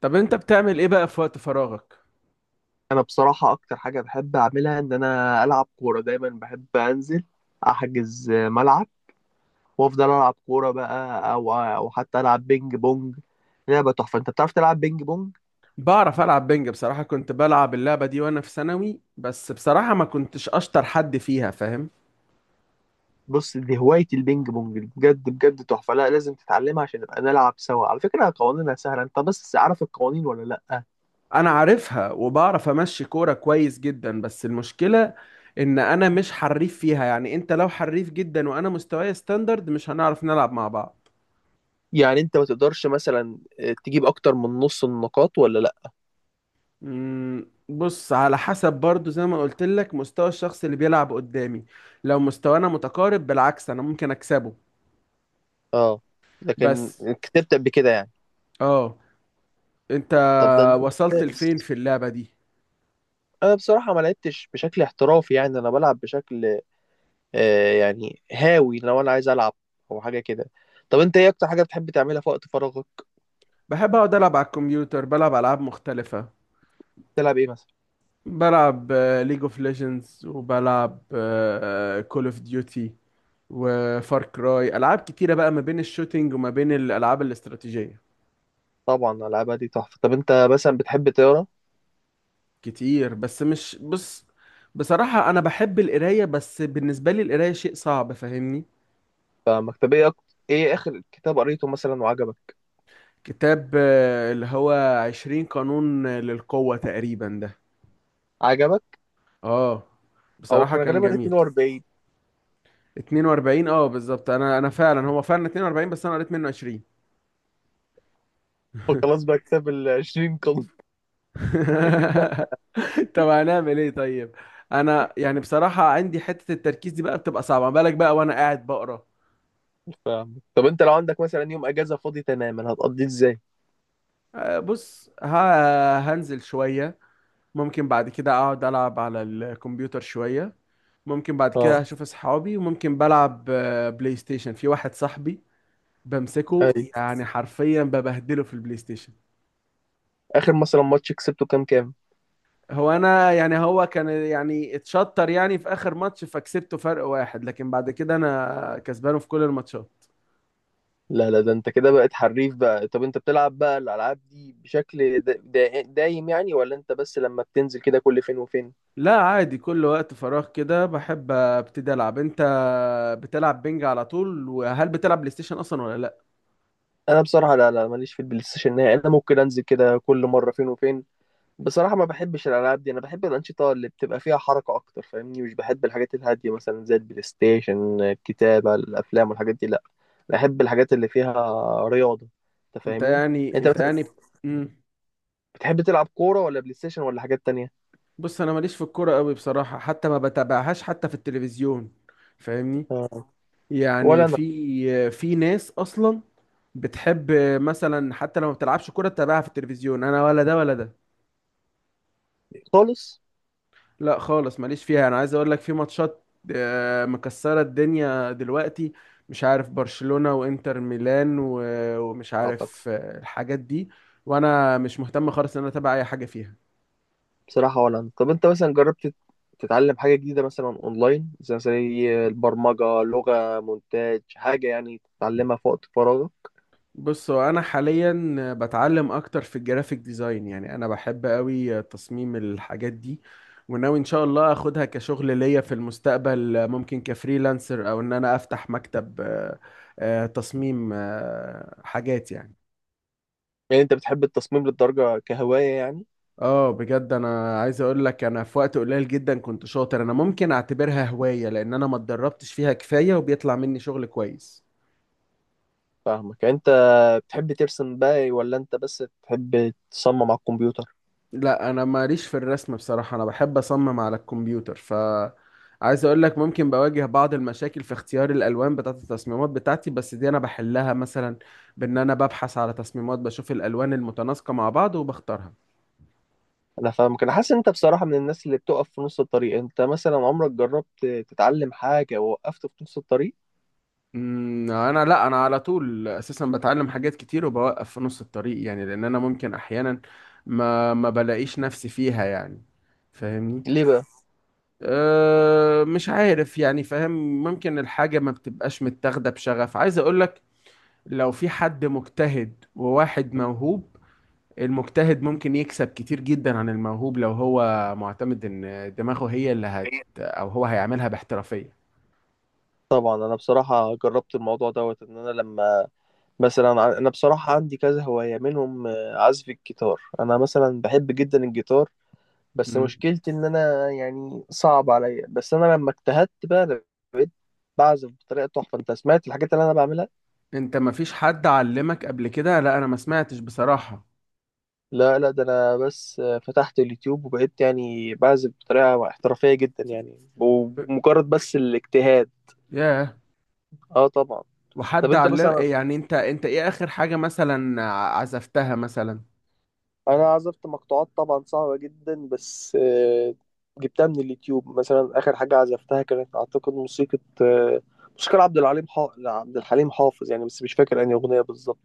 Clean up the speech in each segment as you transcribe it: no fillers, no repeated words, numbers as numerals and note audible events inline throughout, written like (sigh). طب انت بتعمل ايه بقى في وقت فراغك؟ انا بصراحه اكتر حاجه بحب اعملها ان انا العب كوره، دايما بحب انزل احجز ملعب وافضل العب كوره بقى او حتى العب بينج بونج. لعبه تحفه. انت بتعرف تلعب بينج بونج؟ بعرف العب بنج. بصراحة كنت بلعب اللعبة دي وانا في ثانوي، بس بصراحة ما كنتش اشطر حد فيها، فاهم؟ بص، دي هوايه البينج بونج دي بجد بجد تحفه. لا، لازم تتعلمها عشان نبقى نلعب سوا. على فكره قوانينها سهله. انت بس عارف القوانين ولا لا؟ انا عارفها وبعرف امشي كورة كويس جدا، بس المشكلة ان انا مش حريف فيها. يعني انت لو حريف جدا وانا مستواي ستاندرد مش هنعرف نلعب مع بعض. يعني انت ما تقدرش مثلا تجيب اكتر من نص النقاط ولا لا؟ بص، على حسب، برضو زي ما قلت لك مستوى الشخص اللي بيلعب قدامي. لو مستوانا متقارب بالعكس انا ممكن اكسبه. اه. لكن. بس كتبت قبل كده يعني. اه، انت طب ده انت. وصلت ممتاز. لفين في اللعبة دي؟ انا بصراحه ما لعبتش بشكل احترافي، يعني انا بلعب بشكل يعني هاوي، لو انا عايز العب او حاجه كده. طب انت ايه اكتر حاجه بتحب تعملها في وقت فراغك؟ بحب اقعد العب على الكمبيوتر، بلعب العاب مختلفة. تلعب ايه مثلا؟ بلعب ليج اوف ليجندز، وبلعب كول اوف ديوتي وفار كراي. العاب كتيرة بقى ما بين الشوتينج وما بين الالعاب الاستراتيجية. طبعا العابها دي تحفه. طب انت مثلا بتحب تقرا؟ كتير، بس مش، بص، بصراحة انا بحب القراية، بس بالنسبة لي القراية شيء صعب، فاهمني؟ فمكتبيه اكتر. ايه اخر كتاب قريته مثلا وعجبك؟ كتاب اللي هو عشرين قانون للقوة تقريبا ده. عجبك؟ اه، او بصراحة كان كان غالبا جميل. 42. 42، اه بالظبط. انا فعلا، هو فعلا 42، بس انا قريت منه 20. (laughs) خلاص بقى، كتاب ال 20 قلب. (laughs) اكيد لا. (laughs) طب هنعمل ايه طيب؟ انا يعني بصراحة عندي حتة التركيز دي بقى بتبقى صعبة، ما بالك بقى وانا قاعد بقرا. طب انت لو عندك مثلا يوم اجازه فاضي تماما هتقضيه ازاي؟ بص، هنزل شوية، ممكن بعد كده اقعد العب على الكمبيوتر شوية، ممكن بعد اه. كده اشوف اصحابي، وممكن بلعب بلاي ستيشن في واحد صاحبي. بمسكه اي. يعني حرفيا ببهدله في البلاي ستيشن. اخر مثلا ماتش كسبته كام كام؟ هو انا يعني، هو كان يعني اتشطر يعني في اخر ماتش فكسبته فرق واحد، لكن بعد كده انا كسبانه في كل الماتشات. لا لا، ده انت كده بقيت حريف بقى. طب انت بتلعب بقى الالعاب دي بشكل دا دا دايم يعني، ولا انت بس لما بتنزل كده كل فين وفين؟ لا عادي، كل وقت فراغ كده بحب ابتدي العب. انت بتلعب بينج على طول؟ وهل بتلعب بلاي ستيشن اصلا ولا لا؟ انا بصراحه لا لا، ماليش في البلاي ستيشن نهائي. انا ممكن انزل كده كل مره فين وفين. بصراحه ما بحبش الالعاب دي. انا بحب الانشطه اللي بتبقى فيها حركه اكتر، فاهمني، مش بحب الحاجات الهاديه مثلا زي البلاي ستيشن، الكتابه، الافلام والحاجات دي. لا. بحب الحاجات اللي فيها رياضه. انت انت فاهمني؟ يعني، انت مثلا. مم. بتحب تلعب كوره ولا بلاي ستيشن ولا حاجات تانية؟ بص، انا ماليش في الكوره قوي بصراحه، حتى ما بتابعهاش حتى في التلفزيون، فاهمني؟ آه. يعني ولا انا. في في ناس اصلا بتحب مثلا، حتى لو ما بتلعبش كوره تتابعها في التلفزيون، انا ولا ده ولا ده. خالص. لا خالص، ماليش فيها. انا عايز اقول لك في ماتشات مكسرة الدنيا دلوقتي، مش عارف برشلونة وانتر ميلان ومش اعتقد. عارف الحاجات دي، وانا مش مهتم خالص ان انا اتابع اي حاجة فيها. بصراحة ولا أنا. طب أنت مثلا جربت تتعلم حاجة جديدة مثلا أونلاين، زي البرمجة، لغة مونتاج، حاجة يعني تتعلمها في وقت فراغك؟ بص، هو انا حاليا بتعلم اكتر في الجرافيك ديزاين، يعني انا بحب قوي تصميم الحاجات دي، وناوي ان شاء الله اخدها كشغل ليا في المستقبل. ممكن كفريلانسر، او ان انا افتح مكتب تصميم حاجات يعني. يعني أنت بتحب التصميم للدرجة كهواية يعني؟ اه، بجد انا عايز اقول لك انا في وقت قليل جدا كنت شاطر. انا ممكن اعتبرها هواية لان انا ما اتدربتش فيها كفاية، وبيطلع مني شغل كويس. فاهمك. يعني أنت بتحب ترسم بقى ولا أنت بس بتحب تصمم على الكمبيوتر؟ لا، انا ماليش في الرسم بصراحة، انا بحب اصمم على الكمبيوتر. ف عايز اقول لك ممكن بواجه بعض المشاكل في اختيار الالوان بتاعت التصميمات بتاعتي، بس دي انا بحلها مثلا بان انا ببحث على تصميمات، بشوف الالوان المتناسقة مع بعض وبختارها. أنا فاهمك. أنا حاسس إن أنت بصراحة من الناس اللي بتقف في نص الطريق. أنت مثلا عمرك جربت تتعلم حاجة ووقفت في نص الطريق؟ أمم، انا لا انا على طول اساسا بتعلم حاجات كتير وبوقف في نص الطريق، يعني لان انا ممكن احيانا ما بلاقيش نفسي فيها يعني، فاهمني؟ ليه بقى؟ أه مش عارف يعني، فاهم؟ ممكن الحاجة ما بتبقاش متاخدة بشغف. عايز اقولك لو في حد مجتهد وواحد موهوب، المجتهد ممكن يكسب كتير جدا عن الموهوب لو هو معتمد ان دماغه هي اللي هت، او هو هيعملها باحترافية. طبعا انا بصراحه جربت الموضوع دوت ان انا لما مثلا انا بصراحه عندي كذا هوايه منهم، عزف الجيتار. انا مثلا بحب جدا الجيتار، بس مشكلتي ان انا يعني صعب عليا. بس انا لما اجتهدت بقى بقيت بعزف بطريقه تحفه. انت سمعت الحاجات اللي انا بعملها؟ انت ما فيش حد علمك قبل كده؟ لا انا ما سمعتش بصراحة. لا لا، ده انا بس فتحت اليوتيوب وبقيت يعني بعزف بطريقه احترافيه جدا يعني، ب... ومجرد بس الاجتهاد. ياه. اه طبعا. طب وحد انت علم مثلا. يعني؟ انت، انت ايه اخر حاجة مثلا عزفتها مثلا؟ انا عزفت مقطوعات طبعا صعبة جدا، بس جبتها من اليوتيوب. مثلا اخر حاجة عزفتها كانت اعتقد موسيقى عبد الحليم حافظ يعني، بس مش فاكر انهي اغنية بالظبط.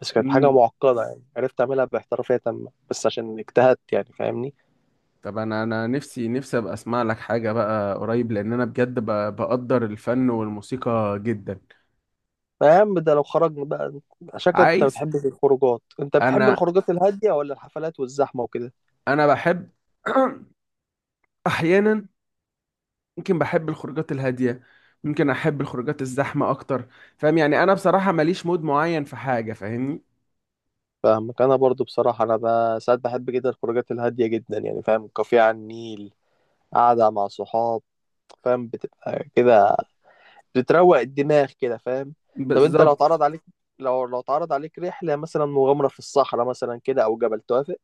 بس كانت حاجة امم. معقدة يعني، عرفت اعملها باحترافية تامة بس عشان اجتهدت يعني. فاهمني؟ طب انا نفسي ابقى اسمع لك حاجة بقى قريب، لان انا بجد بقدر الفن والموسيقى جدا. ما يا عم، ده لو خرجنا بقى. شكلك انت عايز، بتحب الخروجات. انت بتحب انا، الخروجات الهادية ولا الحفلات والزحمة وكده؟ انا بحب (clears throat) احيانا، ممكن بحب الخروجات الهادية، ممكن احب الخروجات الزحمة اكتر، فاهم يعني؟ انا بصراحة ماليش مود معين في حاجة، فاهمني؟ فاهمك. انا برضو بصراحة انا ساعات بحب جدا الخروجات الهادية جدا يعني، فاهم؟ كافيه على النيل، قاعدة مع صحاب، فاهم؟ بتبقى كده، بتروق الدماغ كده، فاهم؟ طب انت لو بالظبط. اتعرض عليك. لو اتعرض عليك رحلة مثلا مغامرة في الصحراء مثلا كده او جبل، توافق؟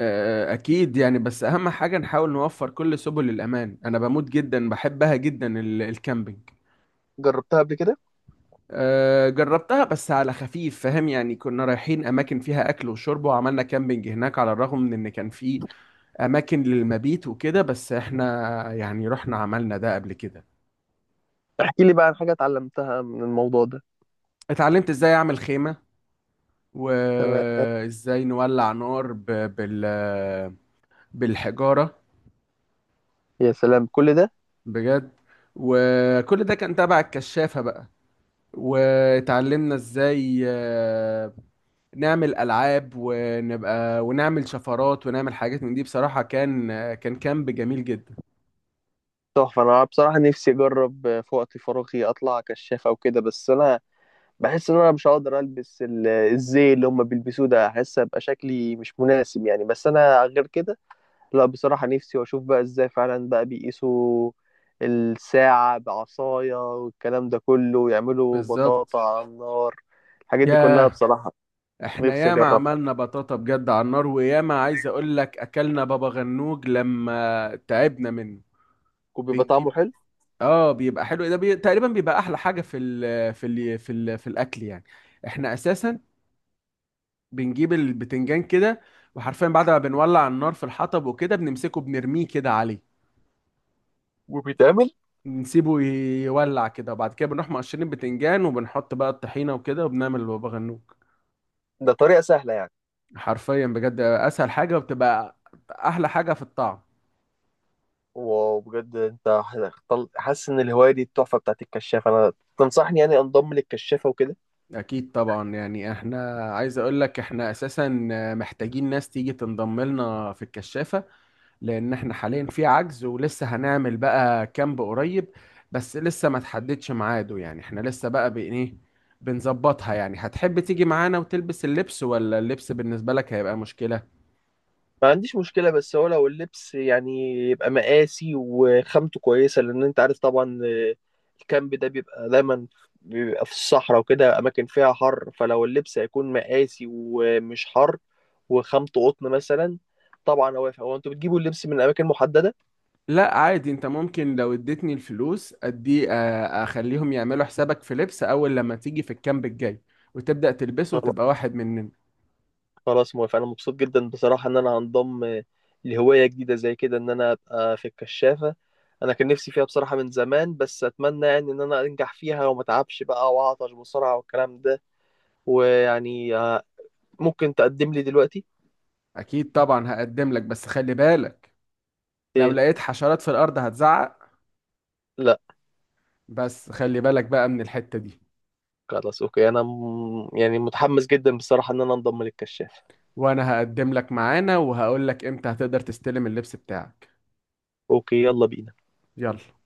أكيد يعني، بس أهم حاجة نحاول نوفر كل سبل الأمان. أنا بموت جدا، بحبها جدا الكامبينج. جربتها قبل كده؟ جربتها بس على خفيف، فاهم يعني؟ كنا رايحين أماكن فيها أكل وشرب، وعملنا كامبينج هناك، على الرغم من إن كان في أماكن للمبيت وكده، بس إحنا يعني رحنا عملنا ده قبل كده. احكي لي بقى عن حاجة اتعلمتها من الموضوع ده. اتعلمت إزاي أعمل خيمة، تمام. وإزاي نولع نار بال بالحجارة يا سلام كل ده! بجد. وكل ده كان تبع الكشافة بقى، واتعلمنا ازاي نعمل العاب ونبقى ونعمل شفرات ونعمل حاجات من دي. بصراحة كان كان كامب جميل جدا. تحفة. انا بصراحة نفسي اجرب في وقت فراغي اطلع كشاف او كده. بس انا بحس ان انا مش هقدر البس الزي اللي هم بيلبسوه ده، احس ابقى شكلي مش مناسب يعني، بس انا غير كده. لا، بصراحة نفسي. واشوف بقى ازاي فعلا بقى بيقيسوا الساعة بعصاية والكلام ده كله ويعملوا بالظبط. بطاطا على النار. الحاجات دي كلها ياه، بصراحة. احنا نفسي ياما اجربها. عملنا بطاطا بجد على النار، وياما عايز اقول لك اكلنا بابا غنوج لما تعبنا منه. وبيبقى طعمه بنجيب، حلو؟ اه بيبقى حلو ده تقريبا بيبقى احلى حاجة في الاكل يعني. احنا اساسا بنجيب البتنجان كده، وحرفيا بعد ما بنولع النار في الحطب وكده بنمسكه بنرميه كده عليه، وبيتعمل. نسيبه يولع كده، وبعد كده بنروح مقشرين البتنجان وبنحط بقى الطحينة وكده وبنعمل بابا غنوج. ده طريقة سهلة يعني؟ حرفيا بجد اسهل حاجة، وبتبقى احلى حاجة في الطعم. وبجد، انت حاسس ان الهواية دي التحفة بتاعت الكشافة. انا تنصحني يعني انضم للكشافة وكده؟ اكيد طبعا يعني. احنا عايز اقول لك احنا اساسا محتاجين ناس تيجي تنضم لنا في الكشافة، لان احنا حاليا في عجز، ولسه هنعمل بقى كامب قريب بس لسه ما تحددش ميعاده، يعني احنا لسه بقى بإن ايه بنظبطها يعني. هتحب تيجي معانا وتلبس اللبس، ولا اللبس بالنسبة لك هيبقى مشكلة؟ ما عنديش مشكلة، بس هو لو اللبس يعني يبقى مقاسي وخامته كويسة، لأن أنت عارف طبعا، الكامب ده بيبقى دايما بيبقى في الصحراء وكده أماكن فيها حر، فلو اللبس هيكون مقاسي ومش حر وخامته قطن مثلا. طبعا، هو أنتوا بتجيبوا اللبس من أماكن محددة؟ لا عادي، انت ممكن لو اديتني الفلوس ادي آه، اخليهم يعملوا حسابك في لبس اول لما تيجي في الكامب الجاي، وتبدأ تلبسه وتبقى واحد مننا. خلاص موافق، انا مبسوط جدا بصراحه ان انا هنضم لهوايه جديده زي كده ان انا ابقى في الكشافه. انا كان نفسي فيها بصراحه من زمان، بس اتمنى يعني ان انا انجح فيها وما اتعبش بقى واعطش بسرعه والكلام ده. ويعني ممكن تقدم لي دلوقتي؟ اكيد طبعا، هقدم لك، بس خلي بالك لو ايه. لقيت حشرات في الارض هتزعق. لا. بس خلي بالك بقى من الحتة دي. خلاص اوكي، انا يعني متحمس جدا بصراحه ان انا انضم للكشافه. وانا هقدم لك معانا، وهقول لك امتى هتقدر تستلم اللبس بتاعك. اوكي، يلا بينا. يلا.